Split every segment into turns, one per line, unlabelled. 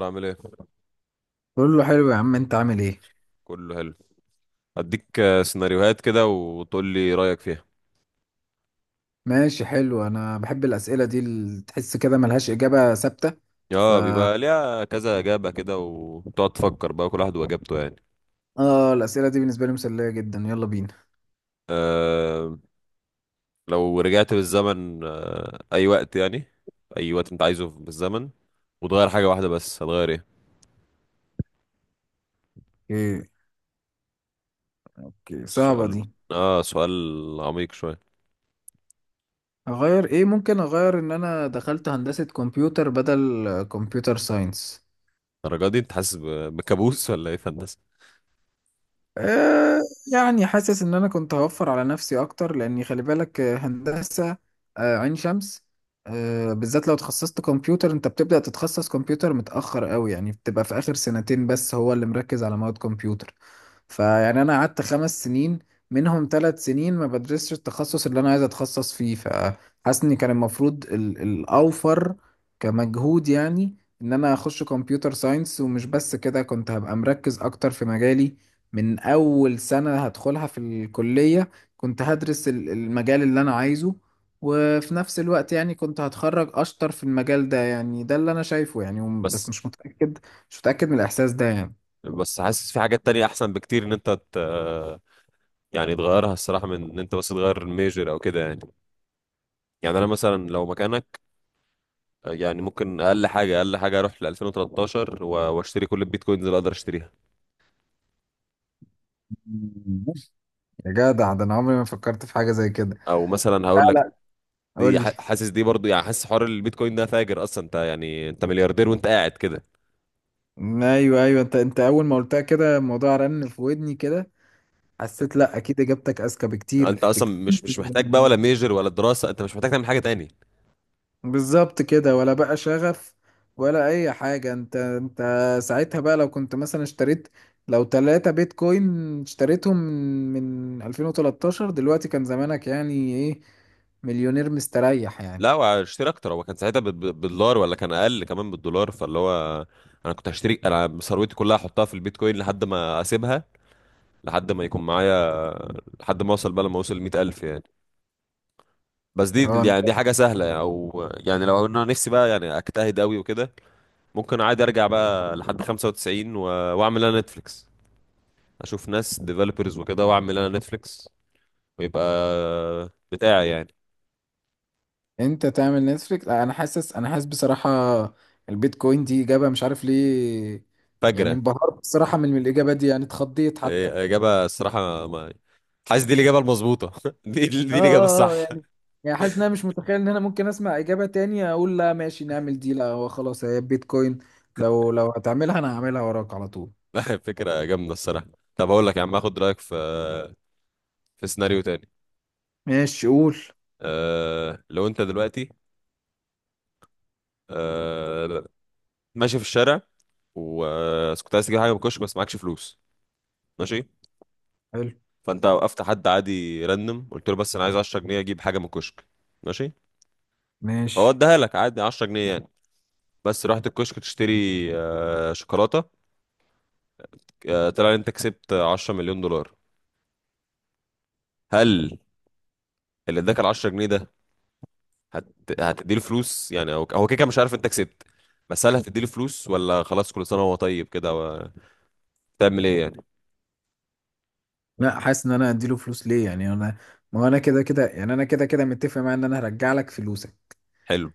الأخبار عامل ايه؟
كله حلو يا عم، انت عامل ايه؟
كله حلو. هديك سيناريوهات كده وتقول لي رأيك فيها.
ماشي، حلو، انا بحب الاسئله دي اللي تحس كده ملهاش اجابه ثابته. ف
اه، بيبقى ليها كذا إجابة كده وتقعد تفكر بقى، كل واحد وإجابته يعني.
اه، الاسئله دي بالنسبه لي مسليه جدا، يلا بينا.
آه لو رجعت بالزمن، أي وقت يعني، أي وقت أنت عايزه في بالزمن، وتغير حاجة واحدة بس هتغير ايه؟
اوكي. اوكي، صعبه
سؤال.
دي.
اه سؤال عميق شوية.
اغير ايه؟ ممكن اغير ان انا دخلت هندسه كمبيوتر بدل كمبيوتر ساينس.
الدرجة دي أنت حاسس بكابوس ولا ايه في هندسة؟
آه، يعني حاسس ان انا كنت هوفر على نفسي اكتر، لاني خلي بالك، هندسة، عين شمس، بالذات لو تخصصت كمبيوتر. انت بتبدأ تتخصص كمبيوتر متأخر قوي، يعني بتبقى في اخر سنتين بس هو اللي مركز على مواد كمبيوتر. فيعني انا قعدت 5 سنين، منهم 3 سنين ما بدرسش التخصص اللي انا عايز اتخصص فيه. فحاسس ان كان المفروض الاوفر كمجهود، يعني ان انا اخش كمبيوتر ساينس. ومش بس كده، كنت هبقى مركز اكتر في مجالي من اول سنة هدخلها في الكلية، كنت هدرس المجال اللي انا عايزه. وفي نفس الوقت يعني كنت هتخرج اشطر في المجال ده، يعني ده اللي انا شايفه يعني.
بس
بس مش متأكد، مش متأكد من الاحساس ده.
بس حاسس في حاجات تانية أحسن بكتير إن أنت يعني تغيرها الصراحة، من إن أنت بس تغير الميجر أو كده يعني. يعني انا مثلا لو مكانك، يعني ممكن اقل حاجه اقل حاجه اروح ل 2013 واشتري كل البيتكوينز اللي اقدر اشتريها.
يعني يا جدع، ده انا عمري ما فكرت في حاجه زي كده.
او مثلا هقول
لا،
لك،
لا، قول لي.
حاسس دي برضو يعني، حاسس حوار البيتكوين ده فاجر اصلا انت، يعني انت ملياردير وانت قاعد كده.
ايوه، ايوه، انت اول ما قلتها كده الموضوع رن في ودني كده. حسيت لا، اكيد اجابتك اذكى
انت
بكتير
اصلا مش
بكتير.
مش محتاج بقى ولا ميجر ولا دراسه، انت مش محتاج تعمل حاجه تاني.
بالظبط كده، ولا بقى شغف ولا اي حاجه. انت، ساعتها بقى لو كنت مثلا اشتريت، لو 3 بيتكوين، اشتريتهم من 2013، دلوقتي كان زمانك يعني ايه، مليونير مستريح يعني.
لا واشتري اكتر، هو كان ساعتها بالدولار ولا كان اقل كمان بالدولار، فاللي هو انا كنت هشتري، انا ثروتي كلها احطها في البيتكوين لحد ما اسيبها، لحد ما يكون معايا، لحد ما اوصل بقى، لما اوصل 100,000 يعني. بس دي
اه،
يعني دي حاجة سهلة يعني، او يعني لو انا نفسي بقى يعني اجتهد قوي وكده، ممكن عادي ارجع بقى لحد 95، و... واعمل انا نتفليكس، اشوف ناس ديفلوبرز وكده، واعمل انا نتفليكس ويبقى بتاعي يعني.
انت تعمل نتفليكس؟ لا، انا حاسس، بصراحة البيتكوين دي اجابة مش عارف ليه. يعني
فجرة.
انبهرت بصراحة من الاجابة دي، يعني اتخضيت حتى.
إيه، اجابة الصراحة. ما حاسس دي الاجابة المظبوطة دي
اه،
دي الاجابة
اه، اه.
الصح.
يعني، يعني حاسس ان انا مش متخيل ان انا ممكن اسمع اجابة تانية اقول لا ماشي نعمل دي. لا، هو خلاص، هي بيتكوين، لو هتعملها انا هعملها وراك على طول.
فكرة جامدة الصراحة. طب اقول لك يا عم، اخد رأيك في سيناريو تاني.
ماشي، قول.
لو انت دلوقتي، أه... ماشي في الشارع، وكنت عايز تجيب حاجه من الكشك بس معكش فلوس، ماشي.
حلو.
فانت وقفت حد عادي راندم قلت له، بس انا عايز 10 جنيه اجيب حاجه من الكشك، ماشي. فهو
ماشي.
اداها لك عادي 10 جنيه يعني. بس رحت الكشك تشتري شوكولاته، طلع ان انت كسبت 10 مليون دولار. هل اللي اداك ال 10 جنيه ده هت... هتديله فلوس؟ يعني هو هو كده كده مش عارف انت كسبت، بس هل هتديله فلوس ولا خلاص كل سنه وهو طيب كده، و... تعمل ايه يعني؟
لا، حاسس ان انا اديله فلوس ليه يعني؟ انا ما هو انا كده كده، يعني انا كده كده متفق معاه ان انا هرجع لك فلوسك.
حلو.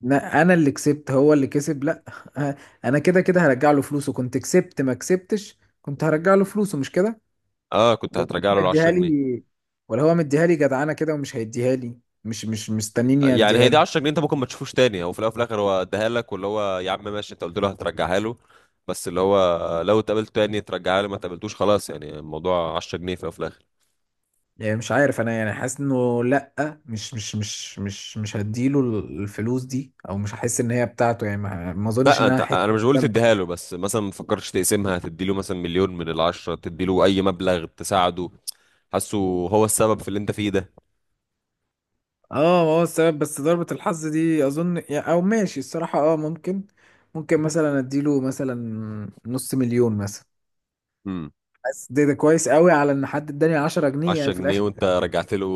لا، انا اللي كسبت هو اللي كسب؟ لا. آه، انا كده كده هرجع له فلوسه، كنت كسبت ما كسبتش كنت هرجع له فلوسه، مش كده؟
اه، كنت
ولا
هترجع
هو
له ال 10
مديها
جنيه
لي، ولا هو مديها لي جدعانه كده ومش هيديها لي، مش مستنيني
يعني هي
اديها
دي
له.
10 جنيه، انت ممكن ما تشوفوش تاني، هو في الاول وفي الاخر هو اداها لك، واللي هو يا عم ماشي انت قلت له هترجعها له، بس اللي هو لو اتقابلت تاني ترجعها له، ما اتقابلتوش خلاص، يعني الموضوع 10 جنيه في الاول وفي الاخر.
يعني مش عارف انا، يعني حاسس انه لا، مش هديله الفلوس دي، او مش هحس ان هي بتاعته، يعني ما اظنش
لا
ان انا
انت،
هحس.
انا مش بقول تديها له، بس مثلا ما تفكرش تقسمها، تدي له مثلا مليون من العشرة، تدي له اي مبلغ تساعده. حاسه هو السبب في اللي انت فيه ده.
اه، ما هو السبب بس ضربة الحظ دي اظن، او ماشي الصراحة، اه ممكن، ممكن مثلا اديله مثلا نص مليون مثلا.
امم.
بس ده كويس قوي على ان حد اداني 10 جنيه
10
يعني في
جنيه
الاخر.
وانت رجعت له،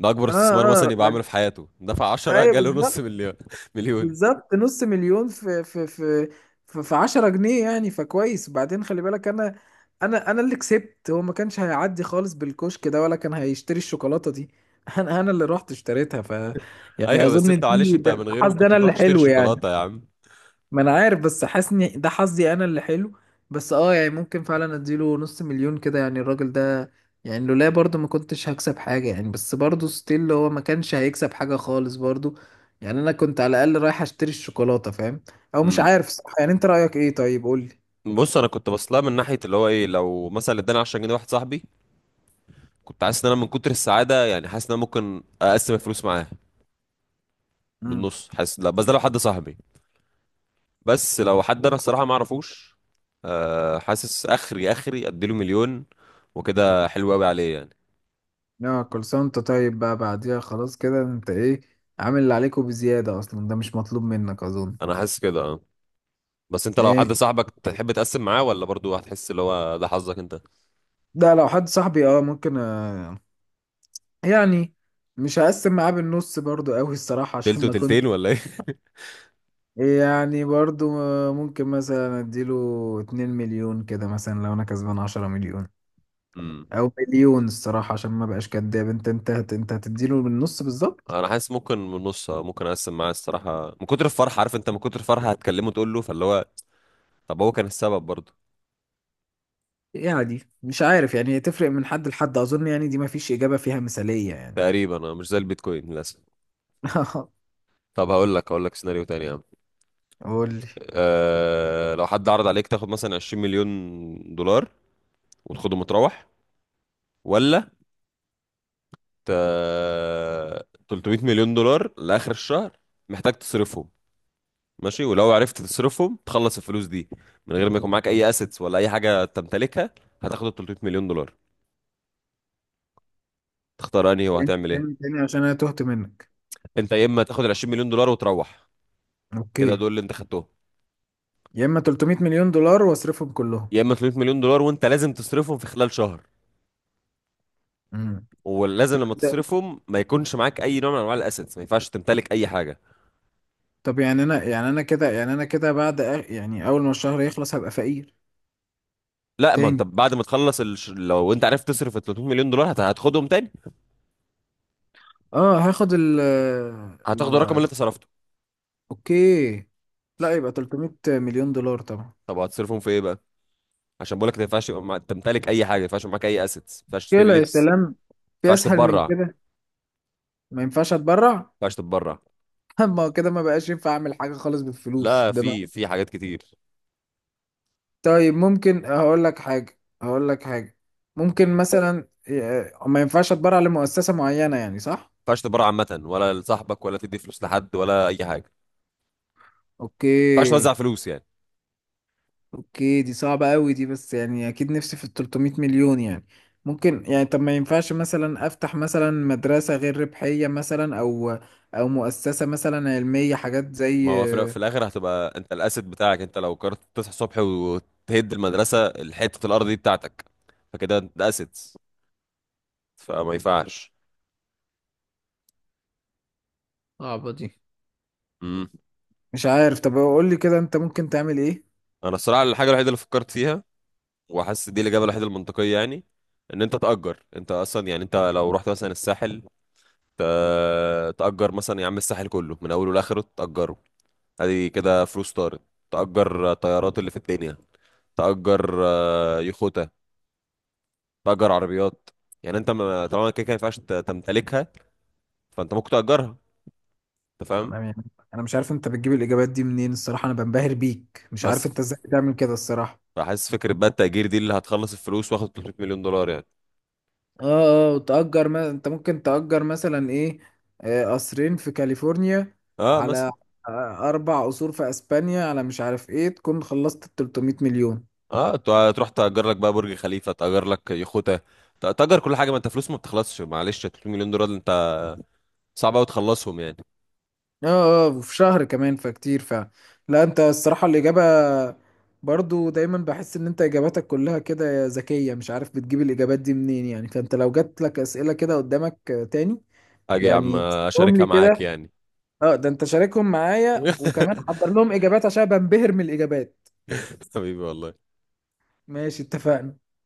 ده اكبر
اه
استثمار
اه
مثلا يبقى
رج...
عامله في حياته، دفع 10
ايوه
جاله نص
بالظبط،
مليون مليون.
بالظبط نص مليون في 10 جنيه يعني. فكويس، وبعدين خلي بالك انا، انا اللي كسبت. هو ما كانش هيعدي خالص بالكشك ده ولا كان هيشتري الشوكولاتة دي. انا، اللي رحت اشتريتها. يعني
ايوه، بس انت
اظن
معلش،
دي،
انت
ده
من غيره ما
حظ، ده
كنتش
انا اللي
هتروح تشتري
حلو يعني.
شوكولاته يا عم.
ما انا عارف، بس حاسني ده حظي انا اللي حلو. بس اه، يعني ممكن فعلا اديله نص مليون كده، يعني الراجل ده، يعني لولا برضه ما كنتش هكسب حاجة يعني، بس برضه ستيل هو ما كانش هيكسب حاجة خالص برضه، يعني انا كنت على الاقل رايح اشتري الشوكولاتة، فاهم؟ او مش
امم.
عارف، صح؟ يعني انت رأيك ايه؟ طيب قولي.
بص، انا كنت بصلها من ناحيه اللي هو ايه، لو مثلا اداني 10 جنيه واحد صاحبي، كنت حاسس ان انا من كتر السعاده يعني، حاسس ان انا ممكن اقسم الفلوس معاه
امم.
بالنص. حاسس لا، بس ده لو حد صاحبي، بس لو حد انا الصراحه ما اعرفوش، حاسس اخري اخري اديله مليون، وكده حلو قوي عليه يعني.
يا، كل سنة وانت طيب بقى، بعديها خلاص كده، انت ايه، عامل اللي عليك وبزيادة، اصلا ده مش مطلوب منك اظن.
انا حاسس كده، اه. بس انت لو حد
ايه،
صاحبك تحب تقسم معاه، ولا برضو هتحس اللي هو ده حظك انت؟
ده لو حد صاحبي اه ممكن. يعني مش هقسم معاه بالنص برضو قوي الصراحة، عشان
تلت
ما كنت،
وتلتين ولا ايه؟
يعني برضو ممكن مثلا اديله 2 مليون كده، مثلا لو انا كسبان 10 مليون، او مليون الصراحة عشان ما بقاش كداب. انت هتديله بالنص بالظبط.
انا حاسس ممكن من نص، ممكن اقسم معاه الصراحه من كتر الفرحه، عارف انت من كتر الفرحه هتكلمه تقول له، فاللي هو طب هو كان السبب برضه.
يعني مش عارف، يعني هي تفرق من حد لحد اظن، يعني دي ما فيش اجابة فيها مثالية يعني.
تقريبا انا مش زي البيتكوين للاسف. طب هقول لك سيناريو تاني يا عم.
قول لي،
لو حد عرض عليك تاخد مثلا 20 مليون دولار وتاخده متروح، ولا ت... 300 مليون دولار لاخر الشهر محتاج تصرفهم، ماشي، ولو عرفت تصرفهم تخلص الفلوس دي من غير ما يكون معاك اي اسيتس ولا اي حاجه تمتلكها، هتاخد ال 300 مليون دولار. تختار انهي
تاني،
وهتعمل
تاني،
ايه؟
تاني، عشان انا تهت منك.
انت يا اما تاخد ال 20 مليون دولار وتروح، كده
اوكي.
دول اللي انت خدتهم،
يا اما 300 مليون دولار واصرفهم كلهم.
يا اما 300 مليون دولار وانت لازم تصرفهم في خلال شهر.
امم.
ولازم لما تصرفهم ما يكونش معاك اي نوع من انواع الاسيتس، ما ينفعش تمتلك اي حاجه.
طب يعني انا، يعني انا كده، يعني انا كده بعد، يعني اول ما الشهر يخلص هبقى فقير.
لا ما انت
تاني؟
بعد ما تخلص لو انت عرفت تصرف ال 300 مليون دولار هتاخدهم تاني.
اه، هاخد ال،
هتاخد الرقم
ال،
اللي انت صرفته.
اوكي. لا، يبقى 300 مليون دولار طبعا.
طب هتصرفهم في ايه بقى؟ عشان بقولك ما ينفعش يبقى تمتلك اي حاجه، ما ينفعش يبقى معاك اي اسيتس، ما ينفعش تشتري
كده يا
لبس،
سلام،
ما
في
ينفعش
اسهل من
تتبرع. ما
كده؟ ما ينفعش اتبرع؟
ينفعش تتبرع.
ما هو كده ما بقاش ينفع اعمل حاجه خالص بالفلوس
لا،
ده ما.
في حاجات كتير، ما
طيب ممكن هقول لك حاجه، هقول لك حاجه. ممكن مثلا، ما ينفعش اتبرع لمؤسسه معينه يعني، صح؟
ينفعش تتبرع عامه ولا لصاحبك ولا تدي فلوس لحد ولا اي حاجه، ما ينفعش
اوكي،
توزع فلوس يعني.
اوكي دي صعبة قوي دي. بس يعني اكيد نفسي في ال 300 مليون يعني، ممكن يعني. طب ما ينفعش مثلا افتح مثلا مدرسة غير ربحية مثلا، او مؤسسة مثلا علمية، حاجات زي.
ما هو في الاخر هتبقى انت الاسد بتاعك، انت لو قررت تصحى الصبح وتهد المدرسه الحته الارض دي بتاعتك، فكده انت ده اسد، فما ينفعش.
صعبة دي.
امم.
مش عارف، طب قول لي كده انت ممكن تعمل ايه؟
انا الصراحه الحاجه الوحيده اللي فكرت فيها، وحاسس دي الاجابه الوحيده المنطقيه يعني، ان انت تاجر. انت اصلا يعني، انت لو رحت مثلا الساحل، تاجر مثلا يا عم الساحل كله من اوله لاخره تاجره. ادي كده فلوس طارت. تاجر طيارات اللي في الدنيا، تاجر يخوتة، تاجر عربيات. يعني انت طالما كده كده ما ينفعش تمتلكها، فانت ممكن تأجرها. انت فاهم؟
انا يعني، انا مش عارف انت بتجيب الاجابات دي منين الصراحة، انا بنبهر بيك، مش عارف
بس
انت ازاي بتعمل كده الصراحة.
فحاسس فكرة بقى التأجير دي اللي هتخلص الفلوس واخد 300 مليون دولار يعني.
اه، اه، تأجر. ما... انت ممكن تأجر مثلا ايه، قصرين في كاليفورنيا،
اه
على
مثلا.
4 قصور في اسبانيا، على مش عارف ايه، تكون خلصت ال 300 مليون.
اه تروح تأجر لك بقى برج خليفة، تأجر لك يخوتة، تأجر كل حاجة، ما انت فلوس ما بتخلصش، معلش 300 مليون دولار انت، صعب قوي تخلصهم يعني.
اه، اه، وفي شهر كمان، فكتير فعلا. لا انت الصراحة الإجابة، برضو دايما بحس ان انت اجاباتك كلها كده ذكية، مش عارف بتجيب الاجابات دي منين يعني. فانت لو جات لك اسئلة كده قدامك تاني،
اجي يا عم
يعني هم
اشاركها
لي
معاك
كده.
يعني.
اه، ده انت شاركهم معايا وكمان حضر لهم اجابات عشان بنبهر من الاجابات.
حبيبي والله.
ماشي، اتفقنا.